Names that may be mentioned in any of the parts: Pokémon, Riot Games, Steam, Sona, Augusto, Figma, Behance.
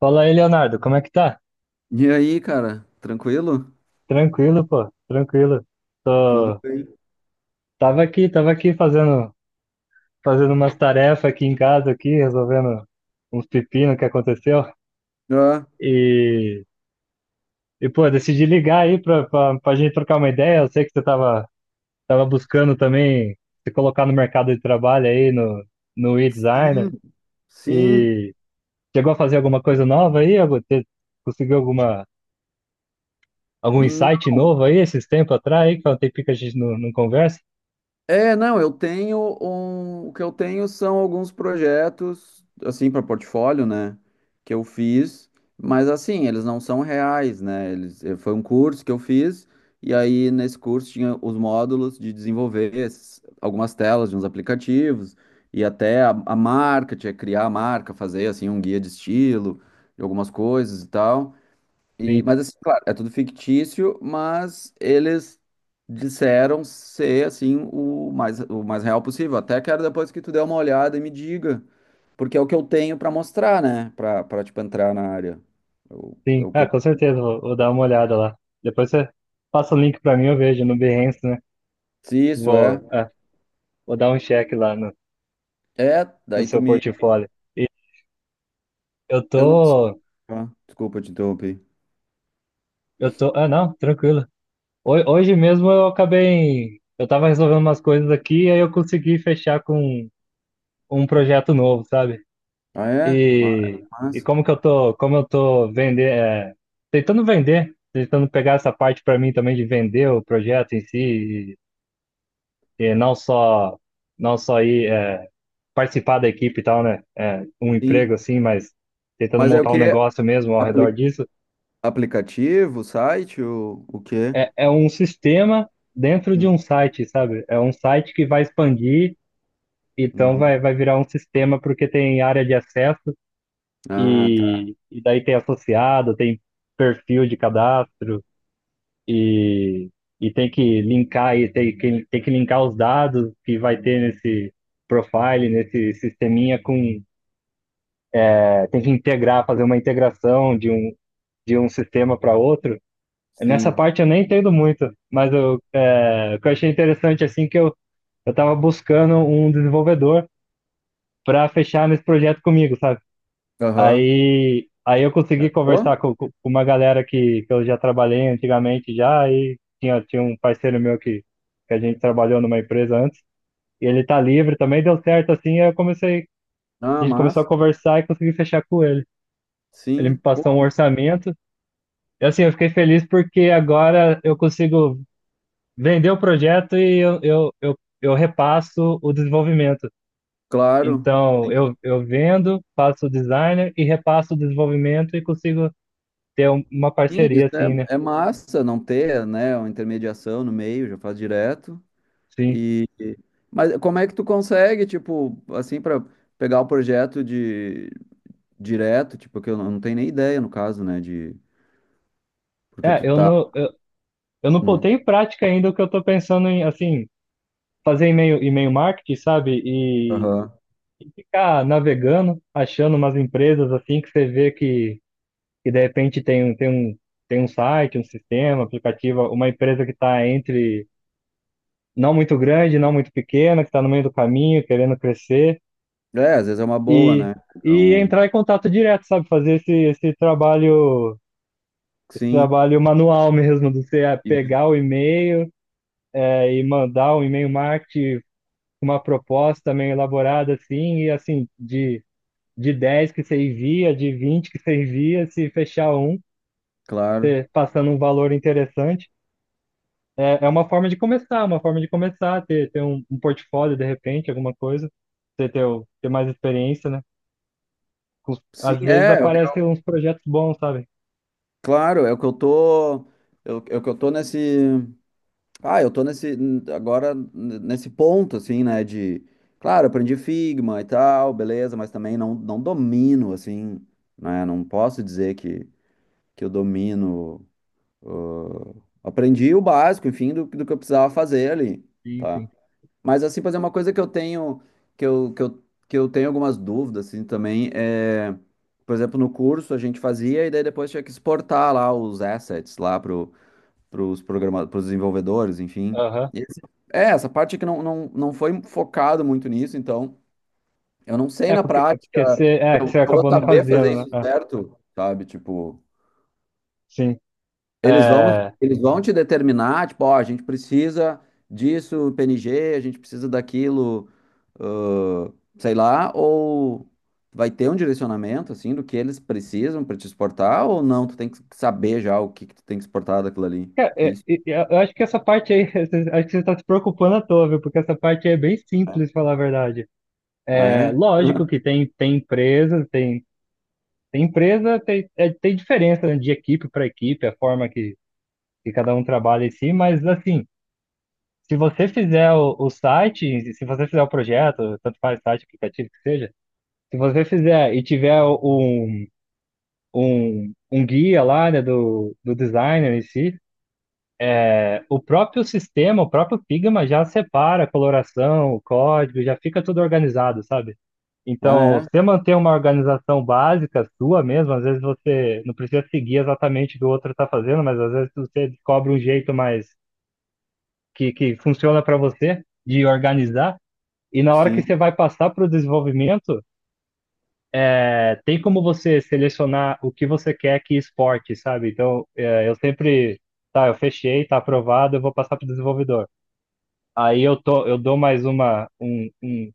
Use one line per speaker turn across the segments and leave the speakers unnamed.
Fala aí, Leonardo, como é que tá?
E aí, cara, tranquilo?
Tranquilo, pô, tranquilo.
Tudo
Tô-
bem?
Tava aqui, fazendo umas tarefas aqui em casa, aqui, resolvendo uns pepinos que aconteceu.
Ah,
E, e pô, decidi ligar aí pra gente trocar uma ideia. Eu sei que você tava buscando também se colocar no mercado de trabalho aí, no e-designer.
sim, sim.
E chegou a fazer alguma coisa nova aí? Conseguiu algum
Não-
insight novo aí esses tempos atrás aí, que faz um tempinho que a gente não conversa?
É, não, eu tenho o que eu tenho são alguns projetos assim para portfólio, né, que eu fiz, mas assim, eles não são reais, né? Eles foi um curso que eu fiz e aí nesse curso tinha os módulos de desenvolver algumas telas de uns aplicativos e até a marca, tinha que criar a marca, fazer assim um guia de estilo, de algumas coisas e tal. E, mas assim, claro, é tudo fictício, mas eles disseram ser assim o mais real possível. Até quero depois que tu dê uma olhada e me diga, porque é o que eu tenho pra mostrar, né? Pra tipo entrar na área. É
Sim,
o que
ah,
eu
com certeza, vou dar uma olhada lá. Depois você passa o link pra mim, eu vejo no Behance, né?
se isso é.
Vou, ah, vou dar um check lá
É,
no
daí tu
seu
me
portfólio. E eu
eu não sei.
tô,
Ah, desculpa te interromper.
ah, não, tranquilo. Hoje mesmo eu acabei, eu tava resolvendo umas coisas aqui e aí eu consegui fechar com um projeto novo, sabe?
Ah, é?
E, e
Mas-
como que eu tô, como eu tô vender, é, tentando vender, tentando pegar essa parte pra mim também de vender o projeto em si e não só ir é, participar da equipe e tal, né? É, um
sim.
emprego assim, mas tentando
Mas é o
montar um
quê?
negócio mesmo ao redor
Apli-
disso.
aplicativo, site, o quê?
É, é um sistema dentro de
Hum,
um site, sabe? É um site que vai expandir, então
uhum.
vai virar um sistema porque tem área de acesso
Ah, tá.
e daí tem associado, tem perfil de cadastro e, e tem que linkar e tem que linkar os dados que vai ter nesse profile, nesse sisteminha com tem que integrar, fazer uma integração de um sistema para outro. Nessa
Sim.
parte eu nem entendo muito, mas é, o que eu achei interessante assim que eu estava buscando um desenvolvedor para fechar nesse projeto comigo, sabe?
Aham.
Aí eu consegui
Pô,
conversar com uma galera que eu já trabalhei antigamente já e tinha um parceiro meu que a gente trabalhou numa empresa antes e ele tá livre também, deu certo assim, aí eu comecei
não
a
é
gente começou a
massa?
conversar e consegui fechar com ele. Ele me
Sim, pô,
passou um orçamento. E assim, eu fiquei feliz porque agora eu consigo vender o projeto e eu repasso o desenvolvimento.
claro.
Então,
Sim,
eu vendo, faço o designer e repasso o desenvolvimento e consigo ter uma
sim, isso
parceria assim, né?
é, é massa, não ter, né, uma intermediação no meio, já faz direto.
Sim.
E, mas como é que tu consegue, tipo, assim, para pegar o projeto de direto, tipo, que eu não, não tenho nem ideia no caso, né, de porque
É,
tu tá.
eu não
Hum,
botei em prática ainda o que eu tô pensando em, assim, fazer e-mail marketing, sabe?
aham.
E ficar navegando, achando umas empresas assim que você vê que e de repente tem, tem um site, um sistema, um aplicativo, uma empresa que está entre não muito grande, não muito pequena, que está no meio do caminho, querendo crescer,
É, às vezes é uma boa,
e,
né?
e
Então,
entrar em contato direto, sabe? Fazer esse
sim,
trabalho manual mesmo, de você
e-
pegar o e-mail, e mandar um e-mail marketing com uma proposta meio elaborada, assim, e assim, de. De 10 que você envia, de 20 que você envia, se fechar um,
claro.
passando um valor interessante. É, é uma forma de começar, uma forma de começar, ter um, um portfólio de repente, alguma coisa, você ter mais experiência, né?
Sim,
Às vezes
é o
aparecem uns projetos bons, sabe?
claro, é o que eu tô, é o que eu tô nesse. Ah, eu tô nesse agora nesse ponto assim, né, de claro, aprendi Figma e tal, beleza, mas também não, não domino assim, né? Não posso dizer que eu domino aprendi o básico, enfim, do que eu precisava fazer ali,
Sim,
tá?
sim.
Mas assim, fazer uma coisa que eu tenho que eu, que eu, que eu tenho algumas dúvidas assim também é, por exemplo, no curso a gente fazia e daí depois tinha que exportar lá os assets lá para os programadores, para os desenvolvedores, enfim.
Aham.
E esse- É, essa parte que não foi focado muito nisso, então eu não sei na
É
prática
porque você,
se
é, que
eu
você
vou
acabou não
saber
fazendo,
fazer
né?
isso
Ah,
certo, sabe? Tipo,
sim. É,
eles vão te determinar, tipo, ó, a gente precisa disso, PNG, a gente precisa daquilo, ãh, sei lá, ou vai ter um direcionamento, assim, do que eles precisam para te exportar, ou não, tu tem que saber já que tu tem que exportar daquilo ali. Que isso?
e eu acho que essa parte aí, acho que você está se preocupando à toa, viu? Porque essa parte aí é bem simples, falar a verdade.
Ah,
É
é?
lógico que tem, tem empresa, tem, é, tem diferença, né, de equipe para equipe, a forma que cada um trabalha em si, mas assim, se você o site, se você fizer o projeto, tanto faz site, aplicativo que seja, se você fizer e tiver um guia lá, né, do designer em si, é, o próprio sistema, o próprio Figma já separa a coloração, o código, já fica tudo organizado, sabe?
Ah,
Então,
é?
você manter uma organização básica sua mesmo, às vezes você não precisa seguir exatamente o que o outro está fazendo, mas às vezes você descobre um jeito mais que funciona para você de organizar. E na hora que
Sim.
você vai passar para o desenvolvimento, é, tem como você selecionar o que você quer que exporte, sabe? Então, é, eu sempre, tá, eu fechei, tá aprovado, eu vou passar para o desenvolvedor. Aí eu dou mais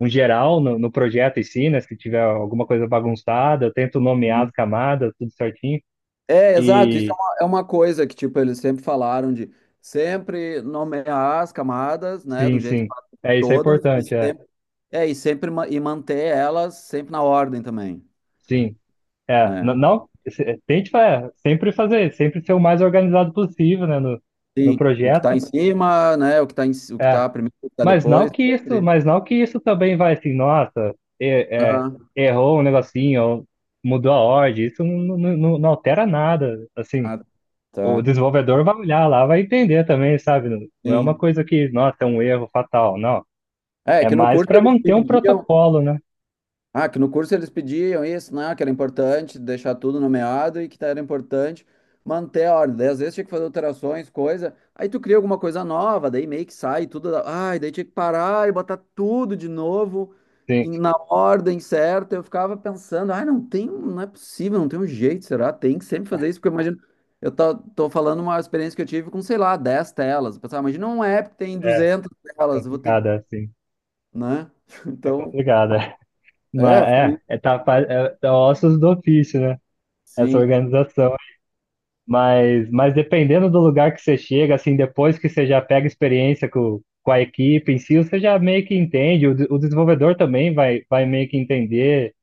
um geral no projeto em si, né? Se tiver alguma coisa bagunçada, eu tento nomear as
Sim.
camadas, tudo certinho.
É, exato. Isso é
E
uma, é uma coisa que, tipo, eles sempre falaram de sempre nomear as camadas, né, do jeito que
sim,
fazem
é, isso é
todas e
importante, é.
sempre, é, e sempre e manter elas sempre na ordem também,
Sim. É,
né?
não, é, sempre fazer, sempre ser o mais organizado possível, né, no, no
Sim. O que tá
projeto.
em cima, né? O que tá o que
É,
tá primeiro, o que tá
mas não
depois,
que isso,
sempre.
mas não que isso também vai assim, nossa, é,
Ah,
errou um negocinho, ou mudou a ordem, isso não altera nada, assim.
ah,
O
tá.
desenvolvedor vai olhar lá, vai entender também, sabe? Não, não é uma
Sim.
coisa que, nossa, é um erro fatal, não.
É,
É
que no
mais
curso
para
eles
manter um
pediam.
protocolo, né?
Ah, que no curso eles pediam isso, né? Que era importante deixar tudo nomeado e que tá, era importante manter a ordem. Daí às vezes tinha que fazer alterações, coisa. Aí tu cria alguma coisa nova, daí meio que sai tudo. Ai, daí tinha que parar e botar tudo de novo
Sim,
na ordem certa. Eu ficava pensando, ai, não tem, não é possível, não tem um jeito, será? Tem que sempre fazer isso, porque eu imagino. Tô falando uma experiência que eu tive com, sei lá, 10 telas. Eu pensava, imagina um app que tem
é
duzentas telas, eu vou ter, que-"
complicado, assim.
né?
É
Então,
complicado, é. Mas
é, ficou meio.
é ossos do ofício, né? Essa
Sim.
organização. Mas dependendo do lugar que você chega, assim, depois que você já pega experiência com a equipe em si, você já meio que entende, o desenvolvedor também vai meio que entender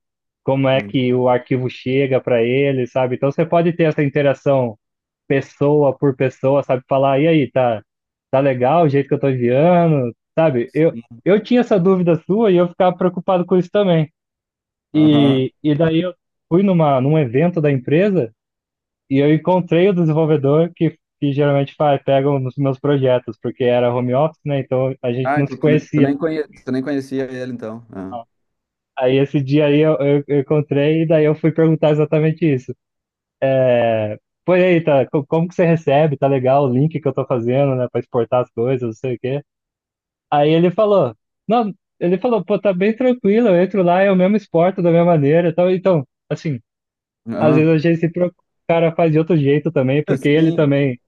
como é
Uhum.
que o arquivo chega para ele, sabe? Então você pode ter essa interação pessoa por pessoa, sabe? Falar, e aí, tá, tá legal o jeito que eu tô enviando, sabe? Eu tinha essa dúvida sua e eu ficava preocupado com isso também.
Aham.
E daí eu fui num evento da empresa e eu encontrei o desenvolvedor que geralmente faz, pega nos meus projetos, porque era home office, né? Então a gente
Ah,
não
então
se
tu, tu
conhecia.
nem tu nem conhecia ele, então. Ah.
Aí esse dia aí eu encontrei e daí eu fui perguntar exatamente isso. É, pô, e aí, tá, como que você recebe? Tá legal o link que eu tô fazendo, né, pra exportar as coisas, não sei o quê. Aí ele falou, não, ele falou, pô, tá bem tranquilo, eu entro lá, eu mesmo exporto da minha maneira. Então, então assim, às vezes
Aham.
a gente se preocupa, o cara faz de outro jeito também, porque ele
Sim.
também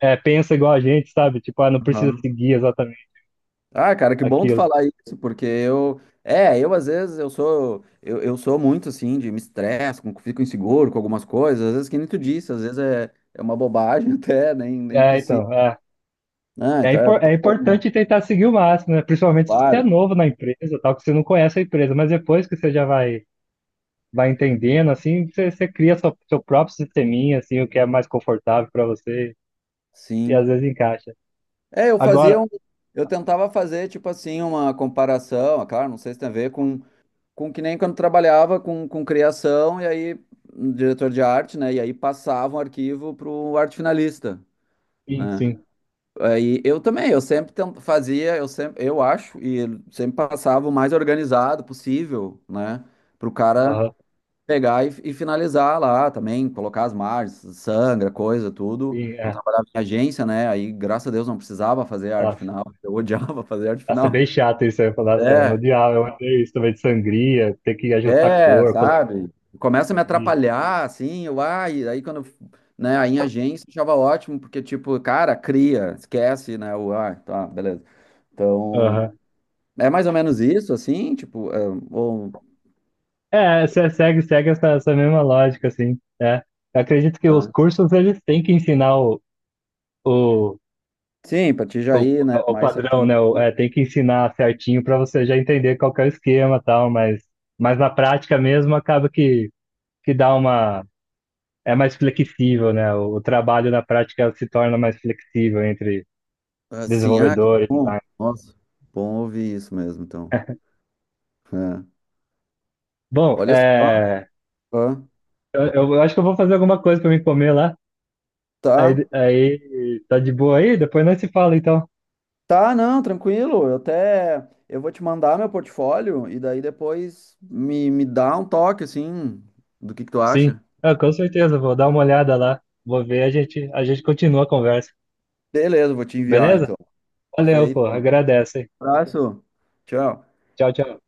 é, pensa igual a gente, sabe? Tipo, ah, não precisa
Aham.
seguir exatamente
Ah, cara, que bom tu
aquilo.
falar isso, porque eu. É, eu às vezes eu sou. Eu sou muito assim, de me estresse, fico inseguro com algumas coisas. Às vezes, que nem tu disse, às vezes é, é uma bobagem até, nem, nem
É,
precisa.
então, é.
Ah,
É,
então é.
é
Bom,
importante tentar seguir o máximo, né? Principalmente se você é
claro,
novo na empresa, tal, que você não conhece a empresa, mas depois que você já vai, vai entendendo, assim, você, você cria seu próprio sisteminha, assim, o que é mais confortável para você, e às
sim.
vezes encaixa.
É, eu fazia
Agora,
um. Eu tentava fazer, tipo assim, uma comparação, ah, claro, não sei se tem a ver com. Com que nem quando trabalhava com criação, e aí, um diretor de arte, né? E aí passava um arquivo para o arte finalista,
sim,
né?
sim.
Aí eu também, eu sempre fazia, eu sempre, eu acho, e sempre passava o mais organizado possível, né? Para o cara
Aham,
pegar e finalizar lá também, colocar as margens, sangra, coisa, tudo.
sim,
Quando
é.
trabalhava em agência, né? Aí, graças a Deus, não precisava fazer arte
Tá.
final. Eu odiava fazer arte
Nossa, é
final.
bem chato isso. Eu ia falar, nossa, eu
É,
odiava, eu odeio isso também de sangria, ter que ajustar a
é,
cor, colocar,
sabe? Começa a me
imprimir.
atrapalhar, assim, eu, ai, aí quando, né, aí em agência eu achava ótimo, porque, tipo, cara, cria, esquece, né, o, ah, tá, beleza. Então,
Aham.
é mais ou menos isso, assim, tipo, é, ou,
É, se- segue, segue essa, essa mesma lógica, assim, né? Eu acredito que os
tá.
cursos, eles têm que ensinar o,
Sim, pra ti já
o,
ir, né,
o
mais
padrão,
certinho.
né? É, tem que ensinar certinho para você já entender qual que é o esquema e tal, mas na prática mesmo acaba que dá uma... É mais flexível, né? O trabalho na prática se torna mais flexível entre
Assim, ah, que
desenvolvedores e
bom,
design.
nossa, bom ouvir isso mesmo, então. É.
Bom,
Olha só,
é,
ah,
Eu acho que eu vou fazer alguma coisa pra me comer lá.
tá.
Tá de boa aí? Depois nós se fala, então.
Tá, não, tranquilo. Eu até eu vou te mandar meu portfólio e daí depois me dá um toque assim do que tu
Sim.
acha.
Ah, com certeza, vou dar uma olhada lá. Vou ver, a gente continua a conversa.
Beleza, vou te enviar
Beleza?
então.
Valeu, pô.
Feito.
Agradece.
Abraço. Tchau.
Tchau, tchau.